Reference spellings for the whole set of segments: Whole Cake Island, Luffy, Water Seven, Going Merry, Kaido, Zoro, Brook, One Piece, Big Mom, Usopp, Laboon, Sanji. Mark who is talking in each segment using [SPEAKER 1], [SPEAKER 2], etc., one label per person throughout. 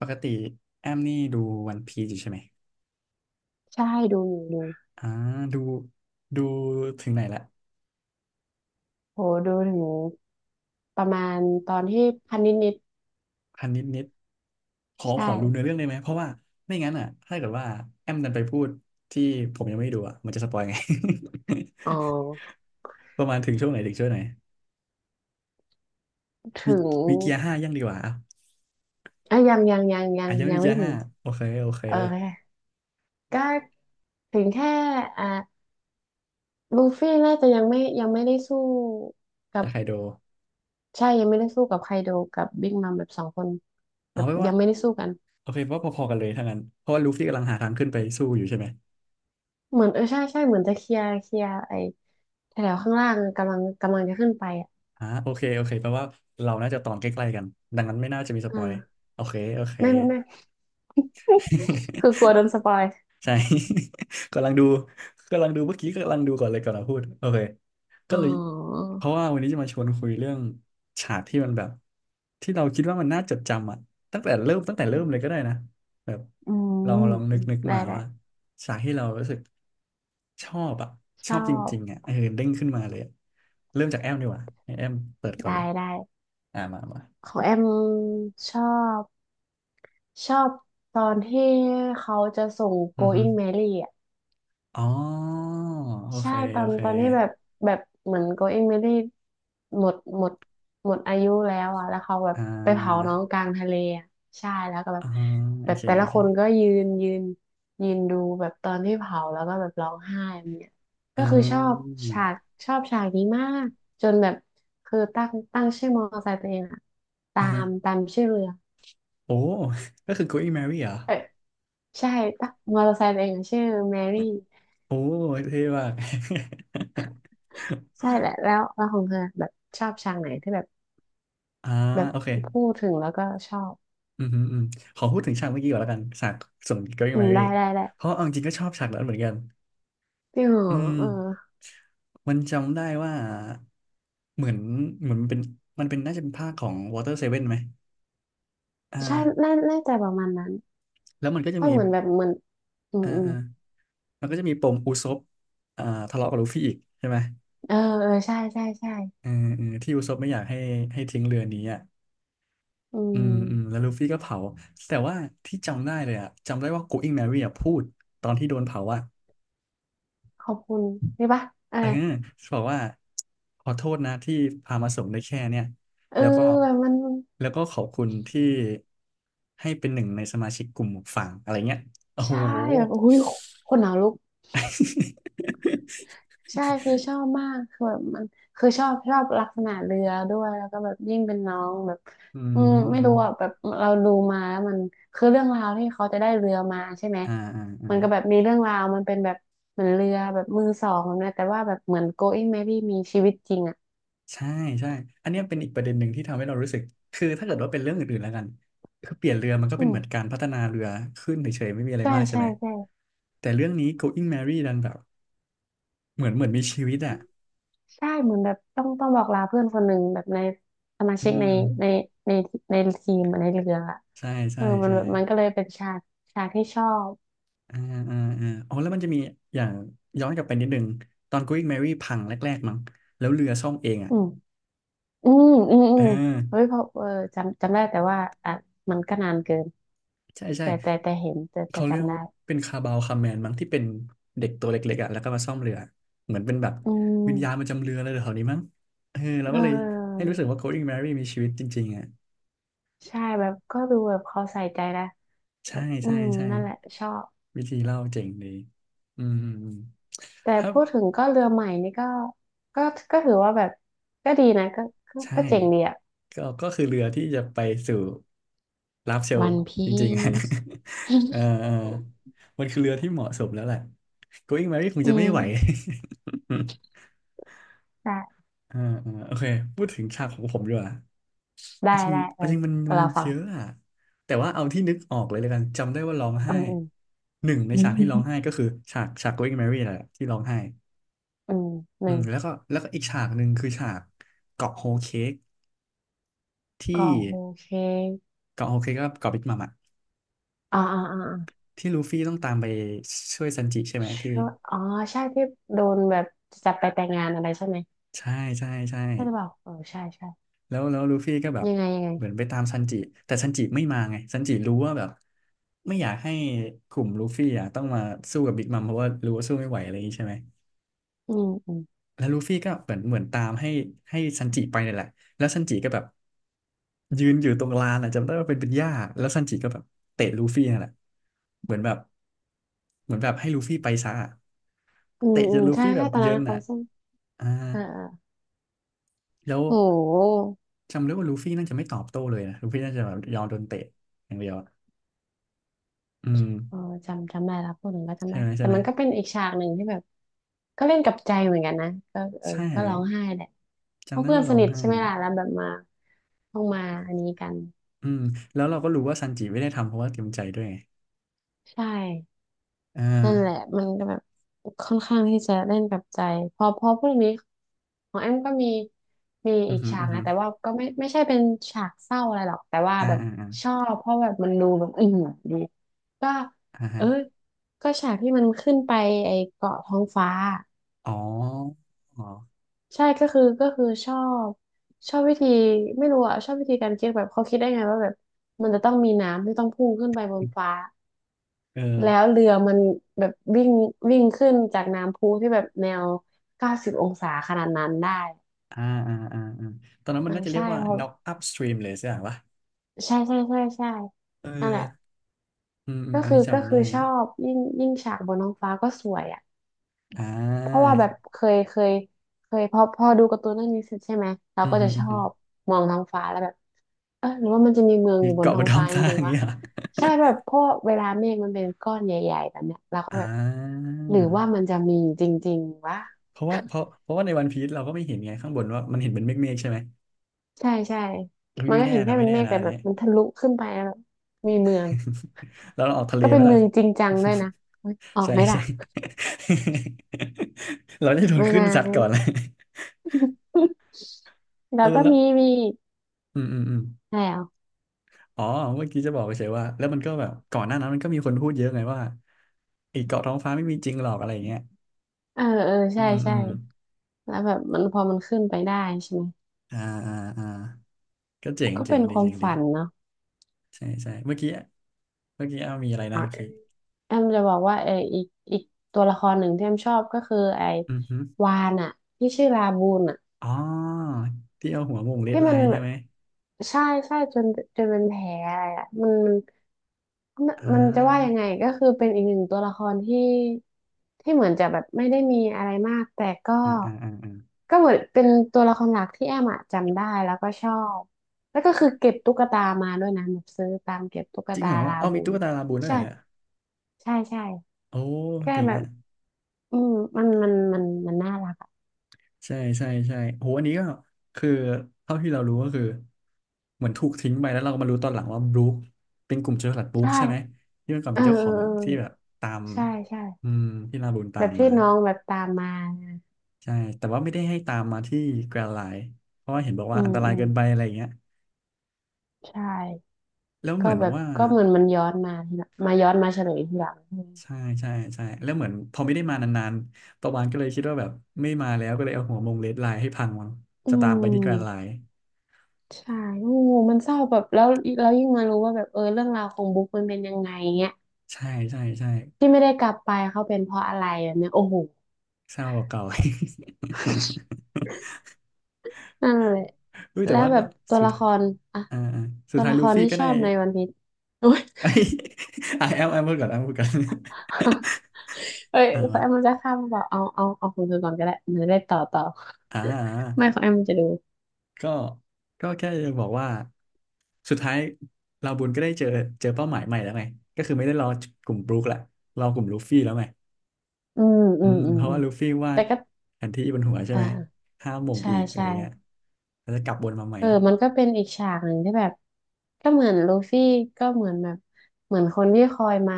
[SPEAKER 1] ปกติแอมนี่ดูวันพีซอยู่ใช่ไหม
[SPEAKER 2] ใช่ดูอยู่ดู
[SPEAKER 1] อ่า ดู ดูถึงไหนละ
[SPEAKER 2] โหดูถึงประมาณตอนที่พันนิดนิด
[SPEAKER 1] พันนิดนิดขอรู้
[SPEAKER 2] ใช่
[SPEAKER 1] เนื้อเรื่องได้ไหม เพราะว่าไม่งั้นอ่ะถ้าเกิดว่าแอมดันไปพูดที่ผมยังไม่ดูอ่ะมันจะสปอยไง
[SPEAKER 2] อ๋อ
[SPEAKER 1] ประมาณถึงช่วงไหนถึงช่วงไหนมี
[SPEAKER 2] ถึง
[SPEAKER 1] มีเกียร์ห้ายังดีกว่าอ่ะ
[SPEAKER 2] อ่ะยังยังยังยั
[SPEAKER 1] อ่ะ
[SPEAKER 2] ง
[SPEAKER 1] ยังไม่
[SPEAKER 2] ยั
[SPEAKER 1] มี
[SPEAKER 2] ง
[SPEAKER 1] เกี
[SPEAKER 2] ไม่
[SPEAKER 1] ยร์
[SPEAKER 2] ถึ
[SPEAKER 1] ห้า
[SPEAKER 2] ง
[SPEAKER 1] โอเค โอเค
[SPEAKER 2] เออก็ถึงแค่อ่ะลูฟี่น่าจะยังไม่ได้สู้กั
[SPEAKER 1] จะ
[SPEAKER 2] บ
[SPEAKER 1] ใครโด
[SPEAKER 2] ใช่ยังไม่ได้สู้กับไคโดกับบิ๊กมัมแบบสองคนแบ
[SPEAKER 1] เอา
[SPEAKER 2] บ
[SPEAKER 1] ไว้
[SPEAKER 2] ยั
[SPEAKER 1] ว่า
[SPEAKER 2] งไม่ได้สู้กัน
[SPEAKER 1] โอเคเพราะพอๆกันเลยถ้างั้นเพราะว่าลูฟี่กำลังหาทางขึ้นไปสู้อยู่ใช่ไหม
[SPEAKER 2] เหมือนเออใช่ใช่เหมือนจะเคลียร์เคลียร์ไอ้แถวข้างล่างกำลังจะขึ้นไปอ่ะ
[SPEAKER 1] อ่าโอเคโอเคแปลว่าเราน่าจะตอนใกล้ๆกันดังนั้นไม่น่าจะมีสปอย
[SPEAKER 2] อ่า
[SPEAKER 1] โอเคโอเค
[SPEAKER 2] ไม่ไม่ คือกลัว โดนสปอย
[SPEAKER 1] ใช่ กำลังดูกำลังดูเมื่อกี้กำลังดูก่อนเลยก่อนเราพูดโอเคก็
[SPEAKER 2] อ๋อ
[SPEAKER 1] เลยเพราะว่าวันนี้จะมาชวนคุยเรื่องฉากที่มันแบบที่เราคิดว่ามันน่าจดจำอะตั้งแต่เริ่มตั้งแต่เริ่มเลยก็ได้นะแบบ
[SPEAKER 2] อื
[SPEAKER 1] ลอ
[SPEAKER 2] ม
[SPEAKER 1] งลองนึกนึก
[SPEAKER 2] ได้
[SPEAKER 1] มา
[SPEAKER 2] ได้
[SPEAKER 1] ว่าฉากที่เรารู้สึกชอบอะ
[SPEAKER 2] ช
[SPEAKER 1] ชอ
[SPEAKER 2] อ
[SPEAKER 1] บจ
[SPEAKER 2] บ
[SPEAKER 1] ริงๆอะเออเด้งขึ้นมาเลยอะเริ่มจากแอมดีกว่าให้แอมเปิดก่อน
[SPEAKER 2] ได้
[SPEAKER 1] เลย
[SPEAKER 2] ได้
[SPEAKER 1] อ่ามามา
[SPEAKER 2] ของแอมชอบชอบตอนที่เขาจะส่ง
[SPEAKER 1] อือฮึ
[SPEAKER 2] Going Merry อ่ะ
[SPEAKER 1] อ๋อโอ
[SPEAKER 2] ใช่
[SPEAKER 1] เค
[SPEAKER 2] ตอ
[SPEAKER 1] โอ
[SPEAKER 2] น
[SPEAKER 1] เค
[SPEAKER 2] ตอนนี้แบบแบบเหมือนโกอิงเมได้หมดหมดหมดอายุแล้วอ่ะแล้วเขาแบบ
[SPEAKER 1] อ่
[SPEAKER 2] ไปเผา
[SPEAKER 1] า
[SPEAKER 2] น้องกลางทะเลอ่ะใช่แล้วก็แบบ
[SPEAKER 1] อ่าโอ
[SPEAKER 2] แบบ
[SPEAKER 1] เค
[SPEAKER 2] แต่
[SPEAKER 1] โอ
[SPEAKER 2] ละ
[SPEAKER 1] เค
[SPEAKER 2] คนก็ยืนดูแบบตอนที่เผาแล้วก็แบบร้องไห้เนี่ยก็
[SPEAKER 1] อ่
[SPEAKER 2] คือชอบ
[SPEAKER 1] า
[SPEAKER 2] ฉากนี้มากจนแบบคือตั้งชื่อมอเตอร์ไซค์ตัวเองอ่ะตา
[SPEAKER 1] อ่าฮะ
[SPEAKER 2] มตามชื่อเรือ
[SPEAKER 1] โอ้ ก็คือ Going Mary เหรอ
[SPEAKER 2] เออใช่ตั้งมอเตอร์ไซค์ตัวเองอะชื่อแมรี่
[SPEAKER 1] โอ้เท่มาก
[SPEAKER 2] ใช่ แหละแล้วแล้วของเธอแบบชอบฉากไหนที่แบบ
[SPEAKER 1] อ่า
[SPEAKER 2] แบบ
[SPEAKER 1] โอเค
[SPEAKER 2] พูดถึงแล้วก็ชอบ
[SPEAKER 1] อืมอฮออืมขอพูดถึงฉากเมื่อกี้ก่อนแล้วกันฉากส่วน Going
[SPEAKER 2] อืม
[SPEAKER 1] Mary
[SPEAKER 2] ได้ได้ได้
[SPEAKER 1] เพราะเอาจริงก็ชอบฉากนั้นเหมือนกัน
[SPEAKER 2] พี่หอ
[SPEAKER 1] อืม
[SPEAKER 2] เออ
[SPEAKER 1] มันจำได้ว่าเหมือนเหมือนมันเป็นน่าจะเป็นภาคของ Water Seven ไหมอ่
[SPEAKER 2] ใช่
[SPEAKER 1] า
[SPEAKER 2] น่าน่าจะประมาณนั้น
[SPEAKER 1] แล้วมันก็จะ
[SPEAKER 2] เพ
[SPEAKER 1] มี
[SPEAKER 2] ราะเหมือนแบบเหมือนอืม
[SPEAKER 1] อ่า
[SPEAKER 2] อืม
[SPEAKER 1] มันก็จะมีปมอุซบอ่าทะเลาะกับลูฟี่อีกใช่ไหม
[SPEAKER 2] เออเออใช่ใช่ใช่
[SPEAKER 1] เออเออที่อุซบไม่อยากให้ทิ้งเรือนี้อ่ะ
[SPEAKER 2] อื
[SPEAKER 1] อืมอืมแล้
[SPEAKER 2] ม
[SPEAKER 1] วลูฟี่ก็เผาแต่ว่าที่จำได้เลยอ่ะจำได้ว่ากุ๊กอิงแมรี่อ่ะพูดตอนที่โดนเผาอ่ะ
[SPEAKER 2] ขอบคุณนี่ปะอะ
[SPEAKER 1] เอ
[SPEAKER 2] ไร
[SPEAKER 1] อบอกว่าขอโทษนะที่พามาส่งได้แค่เนี่ย
[SPEAKER 2] เออ
[SPEAKER 1] แล้วก็
[SPEAKER 2] แบบมัน
[SPEAKER 1] แล้วก็ขอบคุณที่ให้เป็นหนึ่งในสมาชิกกลุ่มหมวกฟางอะไรเงี้ยโอ้โห
[SPEAKER 2] ใช่แบบอุ้ยคนหนาวลุก ใช่คือชอบมากคือแบบมันคือชอบชอบลักษณะเรือด้วยแล้วก็แบบยิ่งเป็นน้องแบบ
[SPEAKER 1] อืม
[SPEAKER 2] อืม
[SPEAKER 1] ฮึอืม
[SPEAKER 2] ไม่
[SPEAKER 1] ฮึ
[SPEAKER 2] รู้อ่ะแบบเราดูมาแล้วมันคือเรื่องราวที่เขาจะได้เรือมาใช่ไหม
[SPEAKER 1] อ่าอ่าอ่า
[SPEAKER 2] มันก็แบบมีเรื่องราวมันเป็นแบบเหมือนเรือแบบมือสองนะแต่ว่าแบบเหมือน Going Merry มีชีวิตจริงอ่ะ
[SPEAKER 1] ใช่ใช่อันเนี้ยเป็นอีกประเด็นหนึ่งที่ทำให้เรารู้สึก คือถ้าเกิดว่าเป็นเรื่องอื่นๆแล้วกันคือเปลี่ยนเรือมันก็
[SPEAKER 2] อื
[SPEAKER 1] เป็น
[SPEAKER 2] ม
[SPEAKER 1] เหมือนการพัฒนาเรือขึ้นเฉยๆไม่มีอะไร
[SPEAKER 2] ใช่
[SPEAKER 1] มากใช่
[SPEAKER 2] ใช่
[SPEAKER 1] ไหม
[SPEAKER 2] ใช่
[SPEAKER 1] แต่เรื่องนี้ Going Merry ดันแบบเหมือนเหมือนมีชีวิตอ่ะ
[SPEAKER 2] ใช่เหมือนแบบต้องบอกลาเพื่อนคนหนึ่งแบบในสมา
[SPEAKER 1] อื
[SPEAKER 2] ชิก
[SPEAKER 1] ม
[SPEAKER 2] ในในในทีมอะในเรืออ่ะ
[SPEAKER 1] ใช่
[SPEAKER 2] เอ
[SPEAKER 1] ใช่
[SPEAKER 2] อมัน
[SPEAKER 1] ใช่
[SPEAKER 2] แบบมันก็เลยเป็นฉากฉากที่ชอบ
[SPEAKER 1] อ่าอ่าอ่าอ๋อแล้วมันจะมีอย่างย้อนกลับไปนิดนึงตอน Going Merry พังแรกๆมั้งแล้วเรือซ่อมเองอ่ะ
[SPEAKER 2] อืม อืมอืมอื
[SPEAKER 1] เออ
[SPEAKER 2] มเฮ้ยเพราะเออจำได้แต่ว่าอ่ะมันก็นานเกิน
[SPEAKER 1] ใช่ใช่
[SPEAKER 2] แต่เห็นแต่
[SPEAKER 1] เขาเรียก
[SPEAKER 2] จำได้
[SPEAKER 1] ว่าเป็นคาบาวคาแมนมั้งที่เป็นเด็กตัวเล็กๆอ่ะแล้วก็มาซ่อมเรือเหมือนเป็นแบบ
[SPEAKER 2] อื
[SPEAKER 1] วิญญาณประ
[SPEAKER 2] ม
[SPEAKER 1] จำเรืออะไรแถวนี้มั้งเออเรา
[SPEAKER 2] เ
[SPEAKER 1] ก็เลย
[SPEAKER 2] อ
[SPEAKER 1] ให้
[SPEAKER 2] อ
[SPEAKER 1] รู้สึกว่าโค i ิ g งแมรี่มีชีวิตจริงๆอ่ะ
[SPEAKER 2] ใช่แบบก็ดูแบบเขาใส่ใจนะแบ
[SPEAKER 1] ใช่
[SPEAKER 2] บอื
[SPEAKER 1] ใช่
[SPEAKER 2] ม
[SPEAKER 1] ใช่
[SPEAKER 2] นั่นแหละชอบ
[SPEAKER 1] วิธีเล่าเจ๋งดีอืมอืมอืม
[SPEAKER 2] แต่
[SPEAKER 1] ถ้า
[SPEAKER 2] พูดถึงก็เรือใหม่นี่ก็ก็ก็ถือว่าแบบก็ดีนะก็ก็
[SPEAKER 1] ใช่
[SPEAKER 2] ก็เจ๋งดีอะ
[SPEAKER 1] ก็คือเรือที่จะไปสู่ลาฟเชล
[SPEAKER 2] วัน
[SPEAKER 1] จ
[SPEAKER 2] พี
[SPEAKER 1] ริง
[SPEAKER 2] ซ
[SPEAKER 1] ๆ เออเออมันคือเรือที่เหมาะสมแล้วแหละ Going m e r y คง
[SPEAKER 2] อื
[SPEAKER 1] จะไม่
[SPEAKER 2] ม
[SPEAKER 1] ไหว
[SPEAKER 2] ได้
[SPEAKER 1] อ่าอ่าโอเคพูดถึงฉากของผมดีกว่า
[SPEAKER 2] ได้
[SPEAKER 1] เอาจริง
[SPEAKER 2] ได้เออ
[SPEAKER 1] เอาจริงมันมัน
[SPEAKER 2] เราฟั
[SPEAKER 1] เย
[SPEAKER 2] ง
[SPEAKER 1] อะอะแต่ว่าเอาที่นึกออกเลยแล้วกันจำได้ว่าร้อง
[SPEAKER 2] อื
[SPEAKER 1] ไห้
[SPEAKER 2] มอืม
[SPEAKER 1] หนึ่งในฉาก
[SPEAKER 2] อื
[SPEAKER 1] ที่ร้องไห้
[SPEAKER 2] ม
[SPEAKER 1] ก็คือฉากฉาก Going Mary แหละที่ร้องไห้
[SPEAKER 2] อืมห
[SPEAKER 1] อื
[SPEAKER 2] นึ่
[SPEAKER 1] ม
[SPEAKER 2] ง
[SPEAKER 1] แล้วก็แล้วก็อีกฉากหนึ่งคือฉากเกาะโฮลเค้กที่
[SPEAKER 2] ก็โอเค
[SPEAKER 1] เกาะโฮลเค้กก็เกาะบิ๊กมัมอะ
[SPEAKER 2] อ่าอ่าอ่า
[SPEAKER 1] ที่ลูฟี่ต้องตามไปช่วยซันจิใช่ไหมที่
[SPEAKER 2] ช่วยอ๋อใช่ที่โดนแบบจับไปแต่งงานอะไรใช่ไหม
[SPEAKER 1] ใช่ใช่ใช่
[SPEAKER 2] ใช่หรือเปล่าเออใช่ใช่
[SPEAKER 1] แล้วลูฟี่ก็แบบ
[SPEAKER 2] ยังไงยังไง
[SPEAKER 1] เหมือนไปตามซันจิแต่ซันจิไม่มาไงซันจิรู้ว่าแบบไม่อยากให้กลุ่มลูฟี่อ่ะต้องมาสู้กับบิ๊กมัมเพราะว่ารู้ว่าสู้ไม่ไหวอะไรอย่างนี้ใช่ไหม
[SPEAKER 2] อืมอืม
[SPEAKER 1] แล้วลูฟี่ก็เหมือนเหมือนตามให้ซันจิไปนี่นแหละแล้วซันจิก็แบบยืนอยู่ตรงลานอ่ะจำได้ว่าเป็นหญ้าแล้วซันจิก็แบบเตะลูฟี่นั่นแหละเหมือนแบบเหมือนแบบให้ลูฟี่ไปซะอะ
[SPEAKER 2] อืม
[SPEAKER 1] เตะจ
[SPEAKER 2] อื
[SPEAKER 1] น
[SPEAKER 2] ม
[SPEAKER 1] ลู
[SPEAKER 2] ใช่
[SPEAKER 1] ฟี่แบ
[SPEAKER 2] ใช่
[SPEAKER 1] บ
[SPEAKER 2] ตอน
[SPEAKER 1] เยิ
[SPEAKER 2] นั้น
[SPEAKER 1] น
[SPEAKER 2] เขา
[SPEAKER 1] อ่ะ
[SPEAKER 2] ซึ่ง
[SPEAKER 1] อ่า
[SPEAKER 2] อ่าอ่า
[SPEAKER 1] แล้ว
[SPEAKER 2] โห
[SPEAKER 1] จำได้ว่าลูฟี่น่าจะไม่ตอบโต้เลยนะลูฟี่น่าจะแบบยอมโดนเตะอย่างเดียวอะอืม
[SPEAKER 2] เออจำได้แล้วพูดถึงก็จำ
[SPEAKER 1] ใช่
[SPEAKER 2] ได้
[SPEAKER 1] ไหมใช่
[SPEAKER 2] แต่
[SPEAKER 1] ไหม
[SPEAKER 2] มันก็เป็นอีกฉากหนึ่งที่แบบก็เล่นกับใจเหมือนกันนะก็เออ
[SPEAKER 1] ใช่
[SPEAKER 2] ก็ร้องไห้แหละเพ
[SPEAKER 1] จำ
[SPEAKER 2] ราะ
[SPEAKER 1] ได้
[SPEAKER 2] เพื่อน
[SPEAKER 1] ว่า
[SPEAKER 2] ส
[SPEAKER 1] ร้อง
[SPEAKER 2] นิท
[SPEAKER 1] ไห้
[SPEAKER 2] ใช่ไหมล่ะแล้วแบบมาต้องมาอันนี้กัน
[SPEAKER 1] อืมแล้วเราก็รู้ว่าซันจิไม่ได้ทำเพราะว่าเต็มใจด้วยไง
[SPEAKER 2] ใช่
[SPEAKER 1] อ่
[SPEAKER 2] นั่นแหละ
[SPEAKER 1] า
[SPEAKER 2] มันก็แบบค่อนข้างที่จะเล่นกับใจพอพูดอย่างนี้ของแอมก็มี
[SPEAKER 1] อื
[SPEAKER 2] อี
[SPEAKER 1] อ
[SPEAKER 2] ก
[SPEAKER 1] หือ
[SPEAKER 2] ฉา
[SPEAKER 1] อื
[SPEAKER 2] ก
[SPEAKER 1] อหื
[SPEAKER 2] นะ
[SPEAKER 1] อ
[SPEAKER 2] แต่ว่าก็ไม่ไม่ใช่เป็นฉากเศร้าอะไรหรอกแต่ว่า
[SPEAKER 1] อ่า
[SPEAKER 2] แบบ
[SPEAKER 1] อ่าอ่า
[SPEAKER 2] ชอบเพราะแบบมันดูแบบอิ่มดีก็
[SPEAKER 1] อ่า
[SPEAKER 2] เอ
[SPEAKER 1] ฮะ
[SPEAKER 2] อก็ฉากที่มันขึ้นไปไอเกาะท้องฟ้า
[SPEAKER 1] อ๋ออ๋อ
[SPEAKER 2] ใช่ก็คือชอบชอบวิธีไม่รู้อะชอบวิธีการคิดแบบเขาคิดได้ไงว่าแบบมันจะต้องมีน้ำที่ต้องพุ่งขึ้นไปบนฟ้า
[SPEAKER 1] เออ
[SPEAKER 2] แล้วเรือมันแบบวิ่งวิ่งขึ้นจากน้ำพุที่แบบแนว90 องศาขนาดนั้นได้
[SPEAKER 1] อ่าอ่าอ่าอ่าตอนนั้นมั
[SPEAKER 2] อ่า
[SPEAKER 1] นน่าจะเรี
[SPEAKER 2] ใช่
[SPEAKER 1] ยกว่า
[SPEAKER 2] เพราะ
[SPEAKER 1] knock up stream เลยใชกอย่าวะ
[SPEAKER 2] ใช่ใช่ใช่ใช่
[SPEAKER 1] เอ
[SPEAKER 2] นั่นแหละ
[SPEAKER 1] ออืมอืม
[SPEAKER 2] ก็
[SPEAKER 1] อัน
[SPEAKER 2] คื
[SPEAKER 1] นี้
[SPEAKER 2] อก็
[SPEAKER 1] จำได้
[SPEAKER 2] คือชอบยิ่งฉากบนท้องฟ้าก็สวยอ่ะ
[SPEAKER 1] อ่
[SPEAKER 2] เพราะว่า
[SPEAKER 1] า
[SPEAKER 2] แบบเคยเคยเคยพอดูการ์ตูนเรื่องนี้เสร็จใช่ไหมเรา
[SPEAKER 1] อือ
[SPEAKER 2] ก็
[SPEAKER 1] หื
[SPEAKER 2] จะ
[SPEAKER 1] อ
[SPEAKER 2] ช
[SPEAKER 1] อือ
[SPEAKER 2] อ
[SPEAKER 1] หือ
[SPEAKER 2] บมองท้องฟ้าแล้วแบบเออหรือว่ามันจะมีเมืองอ
[SPEAKER 1] มี
[SPEAKER 2] ยู่บน
[SPEAKER 1] เกาะ
[SPEAKER 2] ท้
[SPEAKER 1] บ
[SPEAKER 2] อ
[SPEAKER 1] น
[SPEAKER 2] ง
[SPEAKER 1] ท้อ
[SPEAKER 2] ฟ้า
[SPEAKER 1] ง
[SPEAKER 2] จ
[SPEAKER 1] ฟ้า
[SPEAKER 2] ริ
[SPEAKER 1] อ
[SPEAKER 2] ง
[SPEAKER 1] ย่าง
[SPEAKER 2] ๆวะ
[SPEAKER 1] เงี้ยเหรอ
[SPEAKER 2] ใช่แบบเพราะเวลาเมฆมันเป็นก้อนใหญ่ๆแบบเนี้ยเราก็
[SPEAKER 1] อ่
[SPEAKER 2] แบบหรือว่า
[SPEAKER 1] า
[SPEAKER 2] มันจะมีจริงๆวะ
[SPEAKER 1] เพราะว่าเพราะว่าในวันพีซเราก็ไม่เห็นไงข้างบนว่ามันเห็นเป็นเมฆใช่ไหม
[SPEAKER 2] ใช่ใช่
[SPEAKER 1] อุ๊ย
[SPEAKER 2] มัน
[SPEAKER 1] ไม่
[SPEAKER 2] ก็
[SPEAKER 1] แน่
[SPEAKER 2] เห็นแค่
[SPEAKER 1] นะไม่
[SPEAKER 2] เป็น
[SPEAKER 1] แน่
[SPEAKER 2] เมฆ
[SPEAKER 1] นะ
[SPEAKER 2] แต่
[SPEAKER 1] อัน
[SPEAKER 2] แบ
[SPEAKER 1] นี้
[SPEAKER 2] บมันทะลุขึ้นไปแล้วแบบมีเมือง
[SPEAKER 1] แล้วเราออกทะเล
[SPEAKER 2] ก็
[SPEAKER 1] ไห
[SPEAKER 2] เป็
[SPEAKER 1] ม
[SPEAKER 2] นเมื
[SPEAKER 1] ล่ะ
[SPEAKER 2] องจริงจังด้วยนะเฮ้ยอ อก
[SPEAKER 1] ใช่
[SPEAKER 2] ไหมล่ะ
[SPEAKER 1] ใช่ เราได้โดน
[SPEAKER 2] ไม่
[SPEAKER 1] ขึ้น
[SPEAKER 2] น่า
[SPEAKER 1] ซัด
[SPEAKER 2] ไม่
[SPEAKER 1] ก่อน
[SPEAKER 2] น่า
[SPEAKER 1] เลย
[SPEAKER 2] แล้
[SPEAKER 1] เออ
[SPEAKER 2] วก็
[SPEAKER 1] แล้ว
[SPEAKER 2] มีมี
[SPEAKER 1] อืมอืมอืม
[SPEAKER 2] แล้ว
[SPEAKER 1] อ๋อเมื่อกี้จะบอกเฉยๆว่าแล้วมันก็แบบก่อนหน้านั้นมันก็มีคนพูดเยอะไงว่าไอ้เกาะท้องฟ้าไม่มีจริงหรอกอะไรอย่างเงี้ย
[SPEAKER 2] เออเออ
[SPEAKER 1] อื
[SPEAKER 2] ใช่
[SPEAKER 1] มอื
[SPEAKER 2] ใช่
[SPEAKER 1] ม
[SPEAKER 2] แล้วแบบมันพอมันขึ้นไปได้ใช่ไหม
[SPEAKER 1] อ่าอ่าอ่าก็
[SPEAKER 2] ก็เป็นความ
[SPEAKER 1] เจ๋งดี
[SPEAKER 2] ฝันเนาะ
[SPEAKER 1] ใช่ใช่เมื่อกี้เมื่อกี้เอามีอะไรนะ
[SPEAKER 2] อ่ะ
[SPEAKER 1] เมื่อกี้
[SPEAKER 2] แอมจะบอกว่าเอออีกตัวละครหนึ่งที่แอมชอบก็คือไอ้
[SPEAKER 1] อือฮึ
[SPEAKER 2] วานอะที่ชื่อลาบูนอะ
[SPEAKER 1] อ๋อที่เอาหัวหมุงเรด
[SPEAKER 2] ที่
[SPEAKER 1] ไล
[SPEAKER 2] มัน
[SPEAKER 1] ท์ใช่
[SPEAKER 2] แบบ
[SPEAKER 1] ไหม
[SPEAKER 2] ใช่ใช่จนเป็นแผลอะไรอ่ะมันมัน
[SPEAKER 1] อ่
[SPEAKER 2] มันจะว่ายัง
[SPEAKER 1] า
[SPEAKER 2] ไงก็คือเป็นอีกหนึ่งตัวละครที่เหมือนจะแบบไม่ได้มีอะไรมากแต่ก็
[SPEAKER 1] อ่าอ่าอ่าอ่า
[SPEAKER 2] ก็เหมือนเป็นตัวละครหลักที่แอมอะจำได้แล้วก็ชอบแล้วก็คือเก็บตุ๊กตามาด้วยนะแบบซื้อตามเก็บตุ๊ก
[SPEAKER 1] จริง
[SPEAKER 2] ตา
[SPEAKER 1] เหรอ
[SPEAKER 2] ลา
[SPEAKER 1] เอามี
[SPEAKER 2] บู
[SPEAKER 1] ตุ๊
[SPEAKER 2] น
[SPEAKER 1] กตาลาบูนด้วยเห
[SPEAKER 2] ใช่
[SPEAKER 1] รอเนี่ย
[SPEAKER 2] ใช่ใช่
[SPEAKER 1] โอ้
[SPEAKER 2] แค่
[SPEAKER 1] เจรง
[SPEAKER 2] แบบ
[SPEAKER 1] อ่ะ
[SPEAKER 2] อืมมันน่ารักอะ
[SPEAKER 1] ใช่ใช่ใช่โหอันนี้ก็คือเท่าที่เรารู้ก็คือเหมือนถูกทิ้งไปแล้วเราก็มารู้ตอนหลังว่าบรูคเป็นกลุ่มโจรสลัดบรูคใช่ไหม
[SPEAKER 2] ใช่
[SPEAKER 1] ที่เมื่อก่อน
[SPEAKER 2] เออ
[SPEAKER 1] เป็นเจ้า
[SPEAKER 2] เอ
[SPEAKER 1] ขอ
[SPEAKER 2] อ
[SPEAKER 1] ง
[SPEAKER 2] เอ
[SPEAKER 1] ที่แบบ
[SPEAKER 2] อ
[SPEAKER 1] ตาม
[SPEAKER 2] ใช่ใช่
[SPEAKER 1] อืมที่ลาบูน
[SPEAKER 2] แบ
[SPEAKER 1] ตาม
[SPEAKER 2] บที่
[SPEAKER 1] มา
[SPEAKER 2] น้องแบบตามมา
[SPEAKER 1] ใช่แต่ว่าไม่ได้ให้ตามมาที่แกรนด์ไลน์เพราะว่าเห็นบอก
[SPEAKER 2] อื
[SPEAKER 1] ว่าอัน
[SPEAKER 2] ม
[SPEAKER 1] ต
[SPEAKER 2] อื
[SPEAKER 1] ราย
[SPEAKER 2] ม
[SPEAKER 1] เกินไปอะไรอย่างเงี้ย
[SPEAKER 2] ใช่
[SPEAKER 1] แล้วเห
[SPEAKER 2] ก็
[SPEAKER 1] มือน
[SPEAKER 2] แบบ
[SPEAKER 1] ว่า
[SPEAKER 2] ก็เหมือนมันย้อนมาทีหละมาย้อนมาเฉลยทีหลังอืม
[SPEAKER 1] ใช่ใช่ใช่แล้วเหมือนพอไม่ได้มานานๆประวานก็เลยคิดว่าแบบไม่มาแล้วก็เลยเอาหัวมงเลดไลน์ให้พังมันจะตามไปที่แกรนด์ไลน์
[SPEAKER 2] ใช่โอ้มันเศร้าแบบแล้วแล้วยิ่งมารู้ว่าแบบเรื่องราวของบุ๊กมันเป็นยังไงเงี้ย
[SPEAKER 1] ใช่ใช่ใช่
[SPEAKER 2] ที่ไม่ได้กลับไปเขาเป็นเพราะอะไรแบบเนี้ยโอ้โห
[SPEAKER 1] เศร้ากว่าเก่า
[SPEAKER 2] นั่นแหละ
[SPEAKER 1] อุ้ยแต่
[SPEAKER 2] แล้ว
[SPEAKER 1] ว่า
[SPEAKER 2] แบ
[SPEAKER 1] ก็
[SPEAKER 2] บตัว
[SPEAKER 1] สุด
[SPEAKER 2] ละครอ่ะ
[SPEAKER 1] อ่าอ่า สุด
[SPEAKER 2] ตัว
[SPEAKER 1] ท้าย
[SPEAKER 2] ละค
[SPEAKER 1] ลู
[SPEAKER 2] ร
[SPEAKER 1] ฟี่
[SPEAKER 2] ที่
[SPEAKER 1] ก็
[SPEAKER 2] ช
[SPEAKER 1] ได้
[SPEAKER 2] อบในวันพีชโอ้ย
[SPEAKER 1] ไอ้ไอ้แอมพูดก่อนแอมพูดก่อน
[SPEAKER 2] เอ้ย
[SPEAKER 1] อ่า
[SPEAKER 2] ขอ
[SPEAKER 1] มา
[SPEAKER 2] แอมมันจะข้ามมาบอกเอาของเธอก่อนก็ได้มันจะได้ต่อ
[SPEAKER 1] อ่าอ่
[SPEAKER 2] ไม่ข
[SPEAKER 1] า
[SPEAKER 2] องแอมมันจะดู
[SPEAKER 1] ก็ก็แค่จะบอกว่าสุดท้ายลาบูนก็ได้เจอเจอเป้าหมายใหม่แล้วไงก็คือไม่ได้รอกลุ่มบรูคละรอกลุ่มลูฟี่แล้วไง
[SPEAKER 2] อืม
[SPEAKER 1] อื
[SPEAKER 2] อืม
[SPEAKER 1] ม
[SPEAKER 2] อืม
[SPEAKER 1] เพราะ
[SPEAKER 2] อื
[SPEAKER 1] ว่า
[SPEAKER 2] ม
[SPEAKER 1] ลูฟี่วาด
[SPEAKER 2] แต่ก็
[SPEAKER 1] แผนที่บนหัวใช่
[SPEAKER 2] อ่า
[SPEAKER 1] ไหม ห้ามหม่ง
[SPEAKER 2] ใช่
[SPEAKER 1] อีกอะ
[SPEAKER 2] ใช่
[SPEAKER 1] ไรเงี้ยแล้วจะกลับวนมาใหม่
[SPEAKER 2] อมันก็เป็นอีกฉากหนึ่งที่แบบก็เหมือนลูฟี่ก็เหมือนแบบเหมือนคนที่คอยมา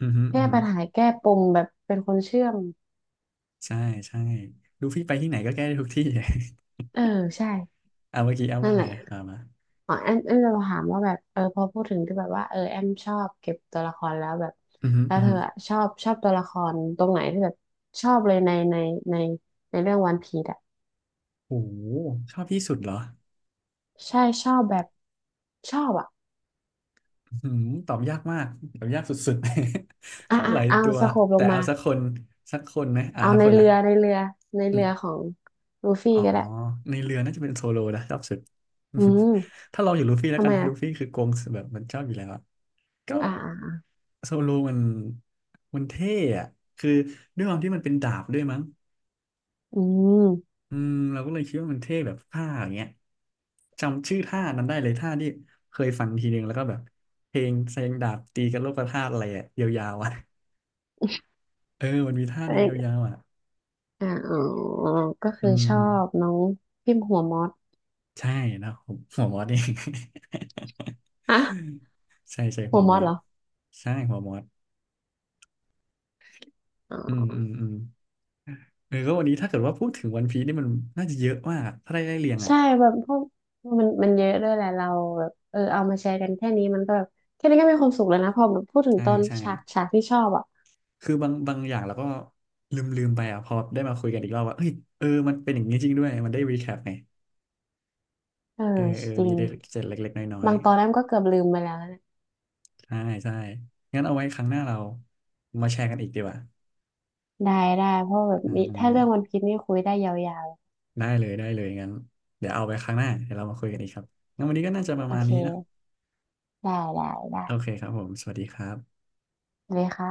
[SPEAKER 1] อือฮึอือ
[SPEAKER 2] แก้
[SPEAKER 1] ฮึ
[SPEAKER 2] ปัญหาแก้ปมแบบเป็นคนเชื่อม
[SPEAKER 1] ใช่ใช่ลูฟี่ไปที่ไหนก็แก้ได้ทุกที่
[SPEAKER 2] เออใช่
[SPEAKER 1] อ่าเมื่อกี้แอา
[SPEAKER 2] นั่
[SPEAKER 1] ว่า
[SPEAKER 2] นแห
[SPEAKER 1] ไง
[SPEAKER 2] ละ
[SPEAKER 1] นะอ่ามา
[SPEAKER 2] อ๋อแอมจะถามว่าแบบพอพูดถึงที่แบบว่าแอมชอบเก็บตัวละครแล้วแบบ
[SPEAKER 1] อือฮึ
[SPEAKER 2] แล้ว
[SPEAKER 1] อือ
[SPEAKER 2] เธ
[SPEAKER 1] ฮึ
[SPEAKER 2] ออะชอบตัวละครตรงไหนที่แบบชอบเลยในในในเรื่องวันพีซอะ
[SPEAKER 1] โอ้โหชอบที่สุดเหรอ
[SPEAKER 2] ใช่ชอบแบบชอบอะ
[SPEAKER 1] อืมตอบยากมากตอบยากสุดๆ ช
[SPEAKER 2] อ่ะ
[SPEAKER 1] อบ
[SPEAKER 2] อ่ะ
[SPEAKER 1] หลาย
[SPEAKER 2] เอา
[SPEAKER 1] ตัว
[SPEAKER 2] สโคปล
[SPEAKER 1] แต่
[SPEAKER 2] งมา
[SPEAKER 1] เอาสักคนสักคนไหมอ่า
[SPEAKER 2] เอา
[SPEAKER 1] สัก
[SPEAKER 2] ใน
[SPEAKER 1] คน
[SPEAKER 2] เรื
[SPEAKER 1] นะ
[SPEAKER 2] อในเรือในเรือของลูฟี่
[SPEAKER 1] อ๋อ
[SPEAKER 2] ก็ได้
[SPEAKER 1] ในเรือน่าจะเป็นโซโลนะชอบสุด
[SPEAKER 2] อืม
[SPEAKER 1] ถ้าเราอยู่ลูฟี่แล้ว
[SPEAKER 2] ทำ
[SPEAKER 1] กั
[SPEAKER 2] ไม
[SPEAKER 1] นลู
[SPEAKER 2] อ่ะ
[SPEAKER 1] ฟี่คือโกงแบบมันชอบอยู่แล้วอะก็
[SPEAKER 2] อ่า
[SPEAKER 1] โซโลมันเท่อะคือด้วยความที่มันเป็นดาบด้วยมั้ง
[SPEAKER 2] อืม
[SPEAKER 1] อืมเราก็เลยคิดว่ามันเท่แบบท่าอย่างเงี้ยจำชื่อท่านั้นได้เลยท่าที่เคยฟังทีนึงแล้วก็แบบเพลงแสดงดาบตีกันโลกธาตุอะไรอะยาวๆอะเออมันมีท่าห
[SPEAKER 2] เอ
[SPEAKER 1] นึ่งยา
[SPEAKER 2] ย
[SPEAKER 1] วๆอะ
[SPEAKER 2] อ่าอ๋อก็
[SPEAKER 1] อื
[SPEAKER 2] คือชอ
[SPEAKER 1] ม
[SPEAKER 2] บน้องพิมพ์หัวมอส
[SPEAKER 1] ใช่นะผม หัวมอสเอง
[SPEAKER 2] ฮะ
[SPEAKER 1] ใช่ใช่
[SPEAKER 2] หั
[SPEAKER 1] หั
[SPEAKER 2] ว
[SPEAKER 1] ว
[SPEAKER 2] ม
[SPEAKER 1] ม
[SPEAKER 2] อส
[SPEAKER 1] อส
[SPEAKER 2] เหรอ
[SPEAKER 1] ใช่หัวมอส
[SPEAKER 2] อ๋
[SPEAKER 1] อืมอืม
[SPEAKER 2] อ
[SPEAKER 1] อืมเออก็วันนี้ถ้าเกิดว่าพูดถึงวันพีซนี่มันน่าจะเยอะมากถ้าได้ไล่เรียงอ่ะ
[SPEAKER 2] ใช่แบบพวกมันเยอะด้วยแหละเราแบบเอามาแชร์กันแค่นี้มันก็แบบแค่นี้ก็มีความสุขแล้วนะพอแบบพูดถึง
[SPEAKER 1] ใช่
[SPEAKER 2] ตอน
[SPEAKER 1] ใช่
[SPEAKER 2] ฉากที่ชอบอ่ะ
[SPEAKER 1] คือบางอย่างเราก็ลืมไปอ่ะพอได้มาคุยกันอีกรอบว่าเอ้ยเออมันเป็นอย่างนี้จริงด้วยมันได้รีแคปไง
[SPEAKER 2] เออ
[SPEAKER 1] เออเออ
[SPEAKER 2] จริ
[SPEAKER 1] มี
[SPEAKER 2] ง
[SPEAKER 1] เจ็ดเล็กๆน้อย
[SPEAKER 2] บางตอนแรกมก็เกือบลืมไปแล้วนะ
[SPEAKER 1] ๆใช่ใช่งั้นเอาไว้ครั้งหน้าเรามาแชร์กันอีกดีกว่า
[SPEAKER 2] ได้ได้เพราะแบบ
[SPEAKER 1] อ่
[SPEAKER 2] มีถ้าเรื่องวัน
[SPEAKER 1] า
[SPEAKER 2] พีซนี่คุยได้ยาว
[SPEAKER 1] ได้เลยได้เลยงั้นเดี๋ยวเอาไปครั้งหน้าเดี๋ยวเรามาคุยกันอีกครับงั้นวันนี้ก็น่าจะป
[SPEAKER 2] ๆ
[SPEAKER 1] ระ
[SPEAKER 2] โอ
[SPEAKER 1] มาณ
[SPEAKER 2] เค
[SPEAKER 1] นี้เนอะ
[SPEAKER 2] ได้ได้ได้
[SPEAKER 1] โอเคครับผมสวัสดีครับ
[SPEAKER 2] เลัาค่ะ